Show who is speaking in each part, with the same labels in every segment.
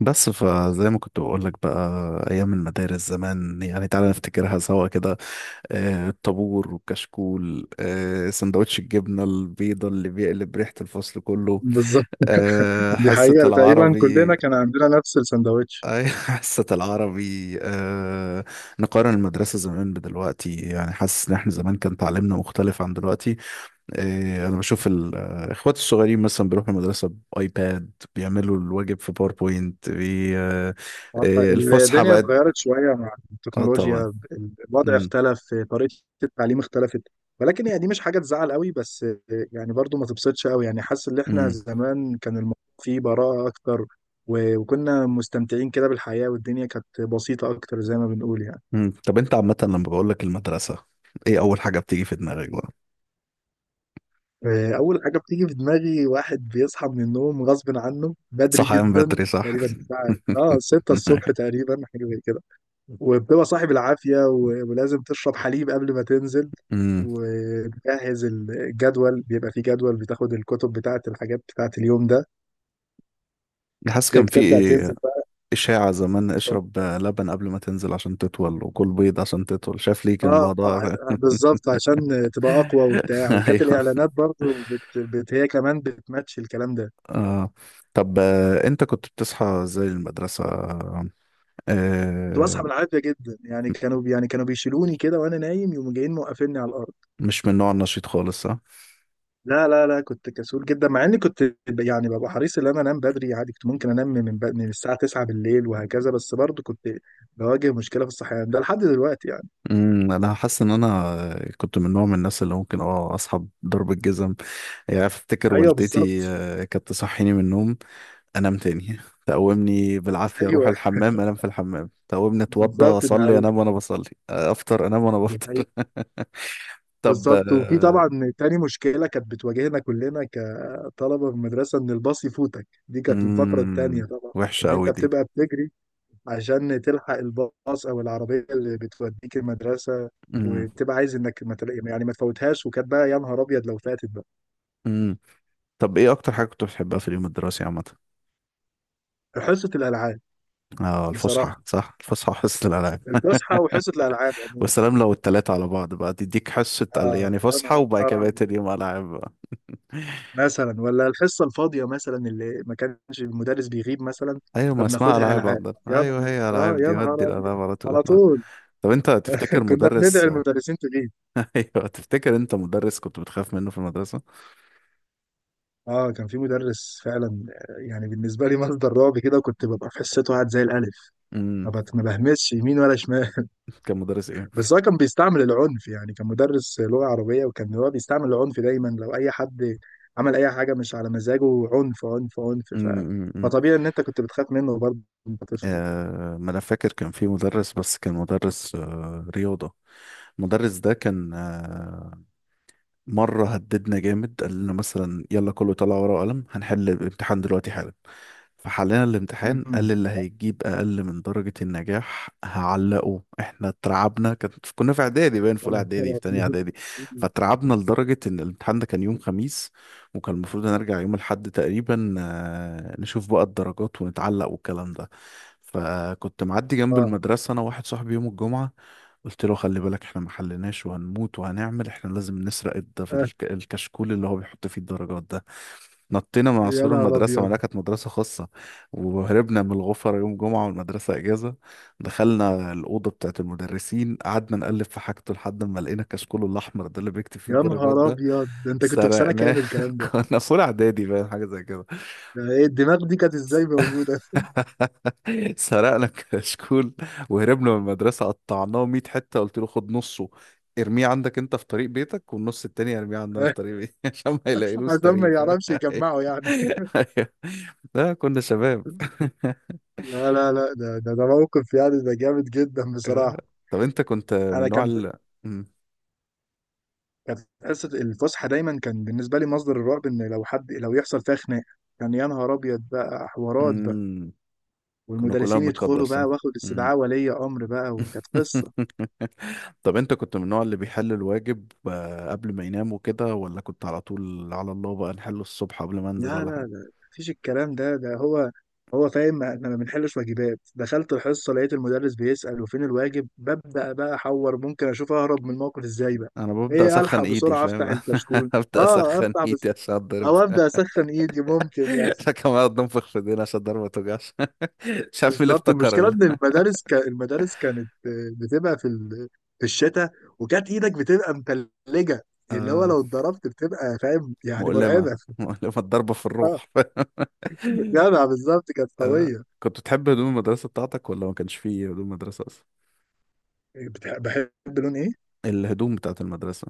Speaker 1: بس فزي ما كنت بقول لك بقى ايام المدارس زمان، يعني تعالى نفتكرها سوا كده. الطابور والكشكول، سندوتش الجبنه البيضه اللي بيقلب ريحه الفصل كله.
Speaker 2: بالظبط. دي
Speaker 1: حصه
Speaker 2: حقيقة تقريبا كلنا
Speaker 1: العربي.
Speaker 2: كان عندنا نفس السندوتش.
Speaker 1: اي. حصه العربي نقارن المدرسه زمان بدلوقتي. يعني حاسس ان احنا زمان كان تعليمنا مختلف عن دلوقتي. إيه، انا بشوف الاخوات الصغيرين مثلا بيروحوا المدرسه بايباد، بيعملوا الواجب في باوربوينت بي... آه، إيه، الفسحه
Speaker 2: الدنيا
Speaker 1: بقت.
Speaker 2: اتغيرت شوية مع
Speaker 1: اه طبعا.
Speaker 2: التكنولوجيا. الوضع
Speaker 1: مم.
Speaker 2: اختلف، طريقة التعليم اختلفت. ولكن هي دي مش حاجة تزعل قوي، بس يعني برضو ما تبسطش قوي. يعني حاسس ان احنا
Speaker 1: مم.
Speaker 2: زمان كان الموضوع فيه براءة اكتر، وكنا مستمتعين كده بالحياة، والدنيا كانت بسيطة اكتر زي ما بنقول يعني.
Speaker 1: طب انت عامه لما بقول لك المدرسه، ايه اول حاجه بتيجي في دماغك بقى؟
Speaker 2: أول حاجة بتيجي في دماغي واحد بيصحى من النوم غصب عنه بدري
Speaker 1: صحيان
Speaker 2: جدا،
Speaker 1: بدري صح.
Speaker 2: تقريبا الساعة اه 6 الصبح تقريبا، حاجة زي كده. وبتبقى صاحب العافية، ولازم تشرب حليب قبل ما تنزل
Speaker 1: امم
Speaker 2: وتجهز الجدول. بيبقى فيه جدول بتاخد الكتب بتاعة الحاجات بتاعة اليوم ده.
Speaker 1: حاسس كان في
Speaker 2: بتبدأ
Speaker 1: ايه.
Speaker 2: تنزل بقى.
Speaker 1: اشاعه زمان
Speaker 2: ف-
Speaker 1: اشرب لبن قبل ما تنزل عشان تطول، وكل بيض عشان تطول. شايف ليه كان الموضوع.
Speaker 2: بالظبط عشان تبقى أقوى وبتاع. وكانت
Speaker 1: ايوه.
Speaker 2: الإعلانات برضو هي كمان بتماتش الكلام ده.
Speaker 1: آه. طب انت كنت بتصحى زي المدرسة.
Speaker 2: كنت
Speaker 1: آه.
Speaker 2: بصحى بالعافيه جدا يعني، كانوا بيشيلوني كده وانا نايم، يقوموا جايين موقفيني على الارض.
Speaker 1: مش من النوع النشيط خالص ها؟
Speaker 2: لا لا لا، كنت كسول جدا. مع اني كنت يعني ببقى حريص ان انا انام بدري عادي. كنت ممكن انام من من الساعه 9 بالليل وهكذا، بس برضه كنت بواجه مشكله في الصحيان ده لحد دلوقتي يعني.
Speaker 1: انا حاسس ان انا كنت من نوع من الناس اللي ممكن اصحى بضرب الجزم. يعني افتكر
Speaker 2: ايوه بالظبط.
Speaker 1: والدتي كانت تصحيني من النوم انام تاني، تقومني بالعافية اروح
Speaker 2: ايوه
Speaker 1: الحمام انام في الحمام، تقومني اتوضى
Speaker 2: بالظبط، ده
Speaker 1: اصلي
Speaker 2: حقيقي،
Speaker 1: انام وانا بصلي، افطر انام وانا
Speaker 2: ده
Speaker 1: بفطر.
Speaker 2: حقيقي.
Speaker 1: طب
Speaker 2: بالظبط. وفي طبعا تاني مشكله كانت بتواجهنا كلنا كطلبه في المدرسه، ان الباص يفوتك. دي كانت الفقره التانيه طبعا،
Speaker 1: وحشة
Speaker 2: ان
Speaker 1: قوي
Speaker 2: انت
Speaker 1: دي.
Speaker 2: بتبقى بتجري عشان تلحق الباص او العربيه اللي بتوديك المدرسه.
Speaker 1: امم
Speaker 2: وبتبقى عايز انك ما يعني ما تفوتهاش. وكانت بقى يا نهار ابيض لو فاتت بقى.
Speaker 1: امم طب ايه اكتر حاجة كنت بتحبها في اليوم الدراسي عامة؟
Speaker 2: حصه الالعاب
Speaker 1: اه الفسحة،
Speaker 2: بصراحه،
Speaker 1: صح الفسحة وحصة الألعاب.
Speaker 2: الفسحه وحصه الالعاب عموما.
Speaker 1: والسلام، لو التلاتة على بعض بقى تديك حصة
Speaker 2: اه
Speaker 1: يعني
Speaker 2: يا
Speaker 1: فسحة وبعد
Speaker 2: نهار
Speaker 1: كده بقيت
Speaker 2: ابيض،
Speaker 1: اليوم ألعاب بقى.
Speaker 2: مثلا ولا الحصه الفاضيه مثلا، اللي ما كانش المدرس بيغيب مثلا،
Speaker 1: أيوة ما اسمها
Speaker 2: فبناخدها
Speaker 1: ألعاب
Speaker 2: العاب.
Speaker 1: عندنا،
Speaker 2: يا نهار،
Speaker 1: أيوة هي ألعاب
Speaker 2: اه يا
Speaker 1: دي، ودي
Speaker 2: نهار
Speaker 1: الألعاب
Speaker 2: ابيض
Speaker 1: على طول.
Speaker 2: على
Speaker 1: آه.
Speaker 2: طول.
Speaker 1: طب أنت تفتكر
Speaker 2: كنا بندعي
Speaker 1: مدرس.
Speaker 2: المدرسين تغيب.
Speaker 1: أيوة، تفتكر أنت مدرس كنت بتخاف منه في المدرسة؟
Speaker 2: اه كان في مدرس فعلا، يعني بالنسبه لي مصدر رعب كده. وكنت ببقى في حصته قاعد زي الالف،
Speaker 1: امم.
Speaker 2: ما بهمسش يمين ولا شمال.
Speaker 1: كان مدرس إيه؟
Speaker 2: بس هو كان بيستعمل العنف يعني. كان مدرس لغة عربية وكان هو بيستعمل العنف دايما لو أي حد عمل أي حاجة مش على مزاجه. عنف عنف عنف،
Speaker 1: أمم.
Speaker 2: فطبيعي إن أنت كنت بتخاف منه برضه، وأنت طفل يعني.
Speaker 1: آه، ما أنا فاكر كان في مدرس، بس كان مدرس آه رياضة. المدرس ده كان مرة هددنا جامد، قال لنا مثلا يلا كله طلع ورقة وقلم هنحل الامتحان دلوقتي حالا. فحلينا الامتحان،
Speaker 2: أمم.
Speaker 1: قال اللي هيجيب أقل من درجة النجاح هعلقه، احنا اترعبنا. كنا في إعدادي باين، في
Speaker 2: يا
Speaker 1: أولى إعدادي، في
Speaker 2: نهار
Speaker 1: تانية
Speaker 2: أبيض.
Speaker 1: إعدادي. فاترعبنا لدرجة إن الامتحان ده كان يوم خميس، وكان المفروض نرجع يوم الأحد تقريبا نشوف بقى الدرجات ونتعلق والكلام ده. فكنت معدي جنب
Speaker 2: آه.
Speaker 1: المدرسة أنا واحد صاحبي يوم الجمعة، قلت له خلي بالك احنا ما حليناش وهنموت، احنا لازم نسرق
Speaker 2: آه،
Speaker 1: الكشكول اللي هو بيحط فيه الدرجات ده. نطينا من
Speaker 2: يا
Speaker 1: عصور
Speaker 2: نهار
Speaker 1: المدرسة،
Speaker 2: أبيض.
Speaker 1: ولا كانت مدرسة خاصة، وهربنا من الغفر يوم جمعة والمدرسة إجازة. دخلنا الأوضة بتاعت المدرسين، قعدنا نقلب في حاجته لحد ما لقينا الكشكول الأحمر ده اللي بيكتب فيه
Speaker 2: يا
Speaker 1: الدرجات
Speaker 2: نهار
Speaker 1: ده.
Speaker 2: أبيض، ده أنت كنت في سنة
Speaker 1: سرقناه.
Speaker 2: كامل الكلام ده؟
Speaker 1: كنا في أولى إعدادي باين، حاجة زي كده.
Speaker 2: ده إيه الدماغ دي كانت إزاي موجودة؟
Speaker 1: سرقنا كشكول وهربنا من المدرسة، قطعناه 100 حتة. قلت له خد نصه ارميه عندك انت في طريق بيتك، والنص التاني ارميه عندنا في طريق بيتي، عشان ما يلاقيلوش
Speaker 2: عشان ما
Speaker 1: طريق، فاهم.
Speaker 2: يعرفش يجمعه يعني.
Speaker 1: أيوه. لا كنا شباب.
Speaker 2: لا لا لا، ده موقف يعني، ده جامد جدا
Speaker 1: آه.
Speaker 2: بصراحة.
Speaker 1: طب انت كنت من
Speaker 2: انا
Speaker 1: نوع
Speaker 2: كانت،
Speaker 1: مم.
Speaker 2: كانت حصه الفسحه دايما كان بالنسبه لي مصدر الرعب، ان لو حد لو يحصل فيها خناقه. كان يا نهار ابيض بقى، حوارات بقى،
Speaker 1: مم. كنا كلنا
Speaker 2: والمدرسين
Speaker 1: بنتقدر
Speaker 2: يدخلوا بقى،
Speaker 1: صح؟
Speaker 2: واخد
Speaker 1: مم.
Speaker 2: استدعاء ولي امر بقى، وكانت قصه.
Speaker 1: طب انت كنت من النوع اللي بيحل الواجب قبل ما ينام وكده، ولا كنت على طول على الله بقى نحله الصبح قبل ما انزل،
Speaker 2: لا
Speaker 1: ولا
Speaker 2: لا لا، مفيش الكلام ده. ده هو فاهم احنا ما بنحلش واجبات. دخلت الحصه لقيت المدرس بيسال وفين الواجب، ببدا بقى احور ممكن اشوف اهرب من الموقف ازاي بقى.
Speaker 1: انا ببدا
Speaker 2: ايه الحق
Speaker 1: اسخن ايدي
Speaker 2: بسرعه
Speaker 1: فاهم.
Speaker 2: افتح الكشكول،
Speaker 1: ابدا
Speaker 2: اه
Speaker 1: اسخن
Speaker 2: افتح بس،
Speaker 1: ايدي عشان اتضرب.
Speaker 2: او ابدا اسخن ايدي ممكن يعني.
Speaker 1: عشان كمان اقعد انفخ في ايدينا عشان الضربه ما توجعش. مش عارف مين اللي
Speaker 2: بالظبط،
Speaker 1: افتكر
Speaker 2: المشكله
Speaker 1: ال...
Speaker 2: ان المدارس المدارس كانت بتبقى في في الشتاء، وكانت ايدك بتبقى متلجه، اللي هو
Speaker 1: آه
Speaker 2: لو اتضربت بتبقى فاهم يعني،
Speaker 1: مؤلمه.
Speaker 2: مرعبه.
Speaker 1: مؤلمه الضربه في
Speaker 2: اه
Speaker 1: الروح.
Speaker 2: جدع، بالظبط كانت
Speaker 1: آه.
Speaker 2: قويه.
Speaker 1: كنت بتحب هدوم المدرسه بتاعتك ولا ما كانش فيه هدوم مدرسه اصلا؟
Speaker 2: بحب، لون ايه؟
Speaker 1: الهدوم بتاعت المدرسه.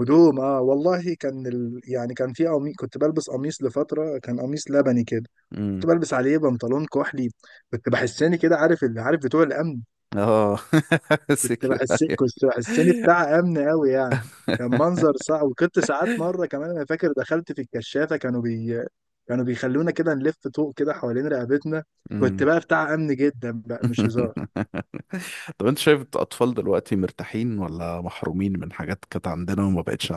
Speaker 2: هدوم، اه والله كان يعني كان في قميص، كنت بلبس قميص لفتره، كان قميص لبني كده، كنت
Speaker 1: امم.
Speaker 2: بلبس عليه بنطلون كحلي. كنت بحسني كده، عارف اللي، عارف بتوع الامن،
Speaker 1: اه.
Speaker 2: كنت
Speaker 1: سكيور.
Speaker 2: بحس كنت بحسني بتاع امن قوي يعني. كان منظر صعب. وكنت ساعات، مره كمان انا فاكر دخلت في الكشافه، كانوا بيخلونا كده نلف طوق كده حوالين رقبتنا. كنت
Speaker 1: امم.
Speaker 2: بقى بتاع امن جدا بقى، مش هزار.
Speaker 1: طب انت شايف الاطفال دلوقتي مرتاحين ولا محرومين من حاجات كانت عندنا وما بقتش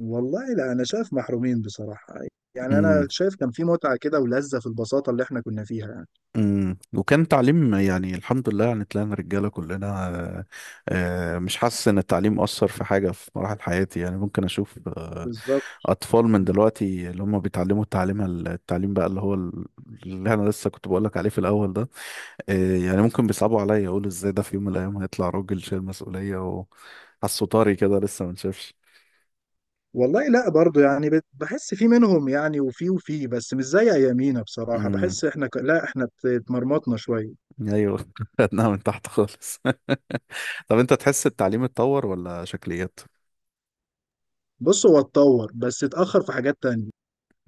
Speaker 2: والله لا انا شايف محرومين بصراحه. يعني انا
Speaker 1: عندهم؟
Speaker 2: شايف كان في متعه كده ولذه في البساطه اللي احنا كنا فيها يعني.
Speaker 1: امم. وكان تعليم يعني الحمد لله، يعني طلعنا رجاله كلنا. مش حاسس ان التعليم اثر في حاجه في مراحل حياتي. يعني ممكن اشوف
Speaker 2: بالظبط.
Speaker 1: اطفال من دلوقتي اللي هم بيتعلموا التعليم بقى اللي انا لسه كنت بقول لك عليه في الاول ده، يعني ممكن بيصعبوا عليا، يقولوا ازاي ده في يوم من الايام هيطلع راجل شايل مسؤوليه، وحاسه طري كده لسه ما نشافش.
Speaker 2: والله لا برضو يعني، بحس في منهم يعني، وفي بس مش زي ايامينا بصراحه.
Speaker 1: امم
Speaker 2: بحس احنا لا احنا اتمرمطنا شويه.
Speaker 1: ايوه. خدناها من تحت خالص. طب انت تحس التعليم اتطور ولا شكليات؟
Speaker 2: بص هو اتطور بس اتأخر في حاجات تانية.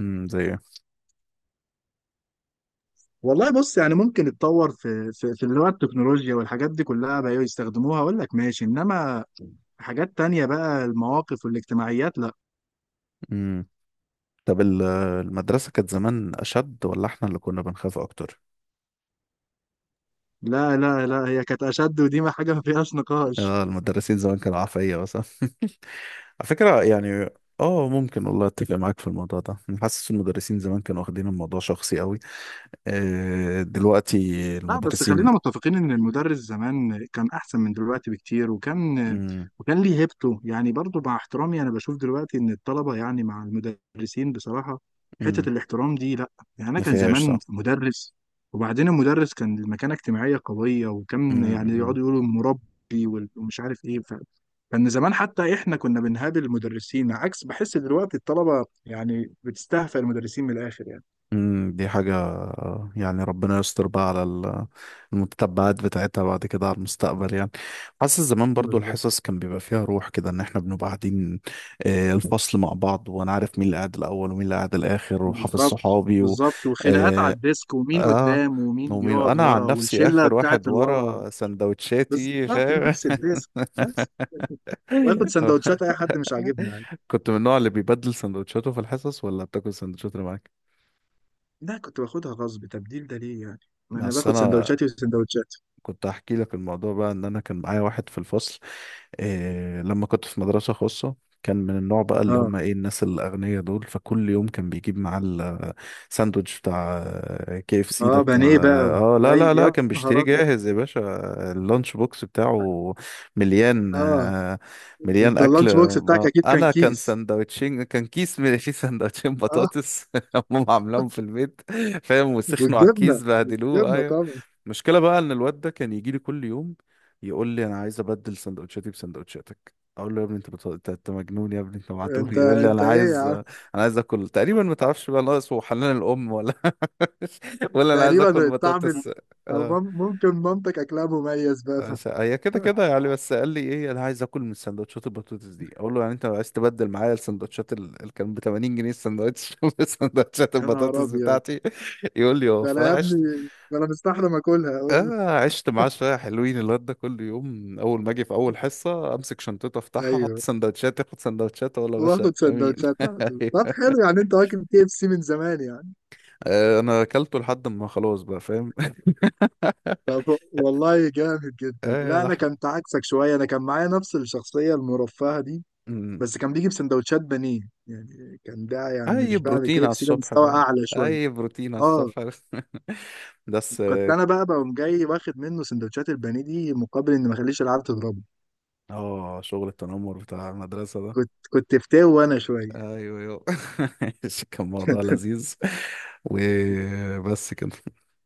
Speaker 1: زي.
Speaker 2: والله بص، يعني ممكن اتطور في في اللي هو التكنولوجيا والحاجات دي كلها بقى يستخدموها، اقول لك ماشي. انما حاجات تانية بقى، المواقف والاجتماعيات لا.
Speaker 1: امم. طب المدرسة كانت زمان أشد، ولا إحنا اللي كنا بنخاف أكتر؟
Speaker 2: لا لا لا، هي كانت اشد، ودي ما حاجة ما فيهاش نقاش.
Speaker 1: آه المدرسين زمان كانوا عفية مثلا. على فكرة يعني. اه ممكن، والله اتفق معاك في الموضوع ده. أنا حاسس المدرسين زمان كانوا واخدين الموضوع شخصي قوي. آه دلوقتي
Speaker 2: لا بس
Speaker 1: المدرسين.
Speaker 2: خلينا متفقين ان المدرس زمان كان احسن من دلوقتي بكتير، وكان،
Speaker 1: امم
Speaker 2: وكان ليه هيبته يعني. برضو مع احترامي انا بشوف دلوقتي ان الطلبة يعني مع المدرسين بصراحة، حتة
Speaker 1: امم
Speaker 2: الاحترام دي لا. يعني انا
Speaker 1: ما
Speaker 2: كان
Speaker 1: فيهاش
Speaker 2: زمان
Speaker 1: صح.
Speaker 2: مدرس، وبعدين المدرس كان المكانة اجتماعية قوية، وكان يعني يقعدوا
Speaker 1: امم
Speaker 2: يقولوا المربي ومش عارف ايه كان زمان حتى احنا كنا بنهابل المدرسين، عكس بحس دلوقتي الطلبة يعني بتستهفى المدرسين من الاخر يعني.
Speaker 1: دي حاجة يعني ربنا يستر بقى على المتتبعات بتاعتها بعد كده على المستقبل يعني. حاسس زمان برضو
Speaker 2: بالظبط.
Speaker 1: الحصص كان بيبقى فيها روح كده، ان احنا بنبقى قاعدين الفصل مع بعض، وانا عارف مين اللي قاعد الاول ومين اللي قاعد الاخر، وحافظ
Speaker 2: بالظبط،
Speaker 1: صحابي و
Speaker 2: بالظبط. وخناقات على
Speaker 1: اه,
Speaker 2: الديسك ومين
Speaker 1: آه،
Speaker 2: قدام ومين
Speaker 1: ومين
Speaker 2: بيقعد
Speaker 1: انا عن
Speaker 2: ورا
Speaker 1: نفسي
Speaker 2: والشله
Speaker 1: اخر
Speaker 2: بتاعت
Speaker 1: واحد
Speaker 2: الورا.
Speaker 1: ورا سندوتشاتي
Speaker 2: بالظبط،
Speaker 1: فاهم.
Speaker 2: نفس الديسك، نفس. واخد سندوتشات اي حد مش عاجبني عادي.
Speaker 1: كنت من النوع اللي بيبدل سندوتشاته في الحصص، ولا بتاكل سندوتشات اللي معاك؟
Speaker 2: لا كنت باخدها غصب، تبديل ده ليه يعني، ما انا
Speaker 1: اصل
Speaker 2: باخد
Speaker 1: انا
Speaker 2: سندوتشاتي وسندوتشاتي.
Speaker 1: كنت هحكي لك الموضوع بقى، ان انا كان معايا واحد في الفصل إيه لما كنت في مدرسة خاصة، كان من النوع بقى اللي
Speaker 2: اه،
Speaker 1: هم ايه، الناس الاغنياء دول، فكل يوم كان بيجيب معاه الساندوتش بتاع كي اف سي ده
Speaker 2: اه
Speaker 1: بتاع.
Speaker 2: بانيه بقى و...
Speaker 1: اه لا
Speaker 2: اي
Speaker 1: لا لا
Speaker 2: يا
Speaker 1: كان
Speaker 2: نهار
Speaker 1: بيشتريه
Speaker 2: ابيض.
Speaker 1: جاهز يا باشا. اللانش بوكس بتاعه مليان
Speaker 2: اه،
Speaker 1: مليان
Speaker 2: انت
Speaker 1: اكل.
Speaker 2: اللانش بوكس بتاعك اكيد كان
Speaker 1: انا كان
Speaker 2: كيس.
Speaker 1: ساندوتشين، كان كيس من فيه ساندوتشين
Speaker 2: اه،
Speaker 1: بطاطس هم عاملاهم في البيت، فاهم، وسخنوا على
Speaker 2: والجبنه،
Speaker 1: الكيس بهدلوه.
Speaker 2: الجبنه
Speaker 1: أيوه.
Speaker 2: طبعا.
Speaker 1: المشكلة بقى ان الواد ده كان يجي لي كل يوم يقول لي انا عايز ابدل سندوتشاتي بسندوتشاتك، اقول له يا ابني انت أنت مجنون يا ابني، انت معتوه.
Speaker 2: انت
Speaker 1: يقول لي
Speaker 2: انت ايه يا عم!
Speaker 1: انا عايز اكل. تقريبا ما تعرفش بقى، ناقص هو حنان الام ولا. ولا انا عايز اكل
Speaker 2: تقريبا الطعم
Speaker 1: بطاطس.
Speaker 2: او
Speaker 1: اه.
Speaker 2: ممكن مامتك اكلها مميز بقى.
Speaker 1: هي كده كده يعني. بس قال لي ايه، انا عايز اكل من سندوتشات البطاطس دي. اقول له يعني انت عايز تبدل معايا السندوتشات اللي كان ب 80 جنيه السندوتش بسندوتشات
Speaker 2: يا نهار
Speaker 1: البطاطس
Speaker 2: ابيض،
Speaker 1: بتاعتي. يقول لي اه.
Speaker 2: ده انا
Speaker 1: فانا
Speaker 2: يا
Speaker 1: عشت
Speaker 2: ابني، ده انا مستحرم اكلها اقول له.
Speaker 1: آه، عشت معاه شوية حلوين. الواد ده كل يوم أول ما أجي في أول حصة أمسك شنطته أفتحها أحط
Speaker 2: ايوه،
Speaker 1: سندوتشات، ياخد سندوتشات، أقول له يا باشا
Speaker 2: واخد
Speaker 1: أمين.
Speaker 2: سندوتشات على طول. طب حلو يعني، انت واكل كي اف سي من زمان يعني.
Speaker 1: آه أنا أكلته لحد ما خلاص بقى فاهم.
Speaker 2: طب والله جامد جدا.
Speaker 1: آه
Speaker 2: لا انا
Speaker 1: لحم.
Speaker 2: كنت عكسك شويه، انا كان معايا نفس الشخصيه المرفهه دي،
Speaker 1: مم.
Speaker 2: بس كان بيجي بسندوتشات بانيه. يعني كان ده يعني
Speaker 1: أي
Speaker 2: مش بقى
Speaker 1: بروتين
Speaker 2: كي
Speaker 1: على
Speaker 2: اف سي، ده
Speaker 1: الصبح
Speaker 2: مستوى
Speaker 1: فاهم.
Speaker 2: اعلى شويه.
Speaker 1: أي بروتين على
Speaker 2: اه
Speaker 1: الصبح. بس
Speaker 2: كنت
Speaker 1: آه.
Speaker 2: انا بقى بقوم جاي واخد منه سندوتشات البانيه دي، مقابل ان ما اخليش العيال تضربه.
Speaker 1: شغل التنمر بتاع المدرسة ده.
Speaker 2: كنت فتاوي وانا شويه.
Speaker 1: أيوه أيوه. كان موضوع لذيذ. وبس كده.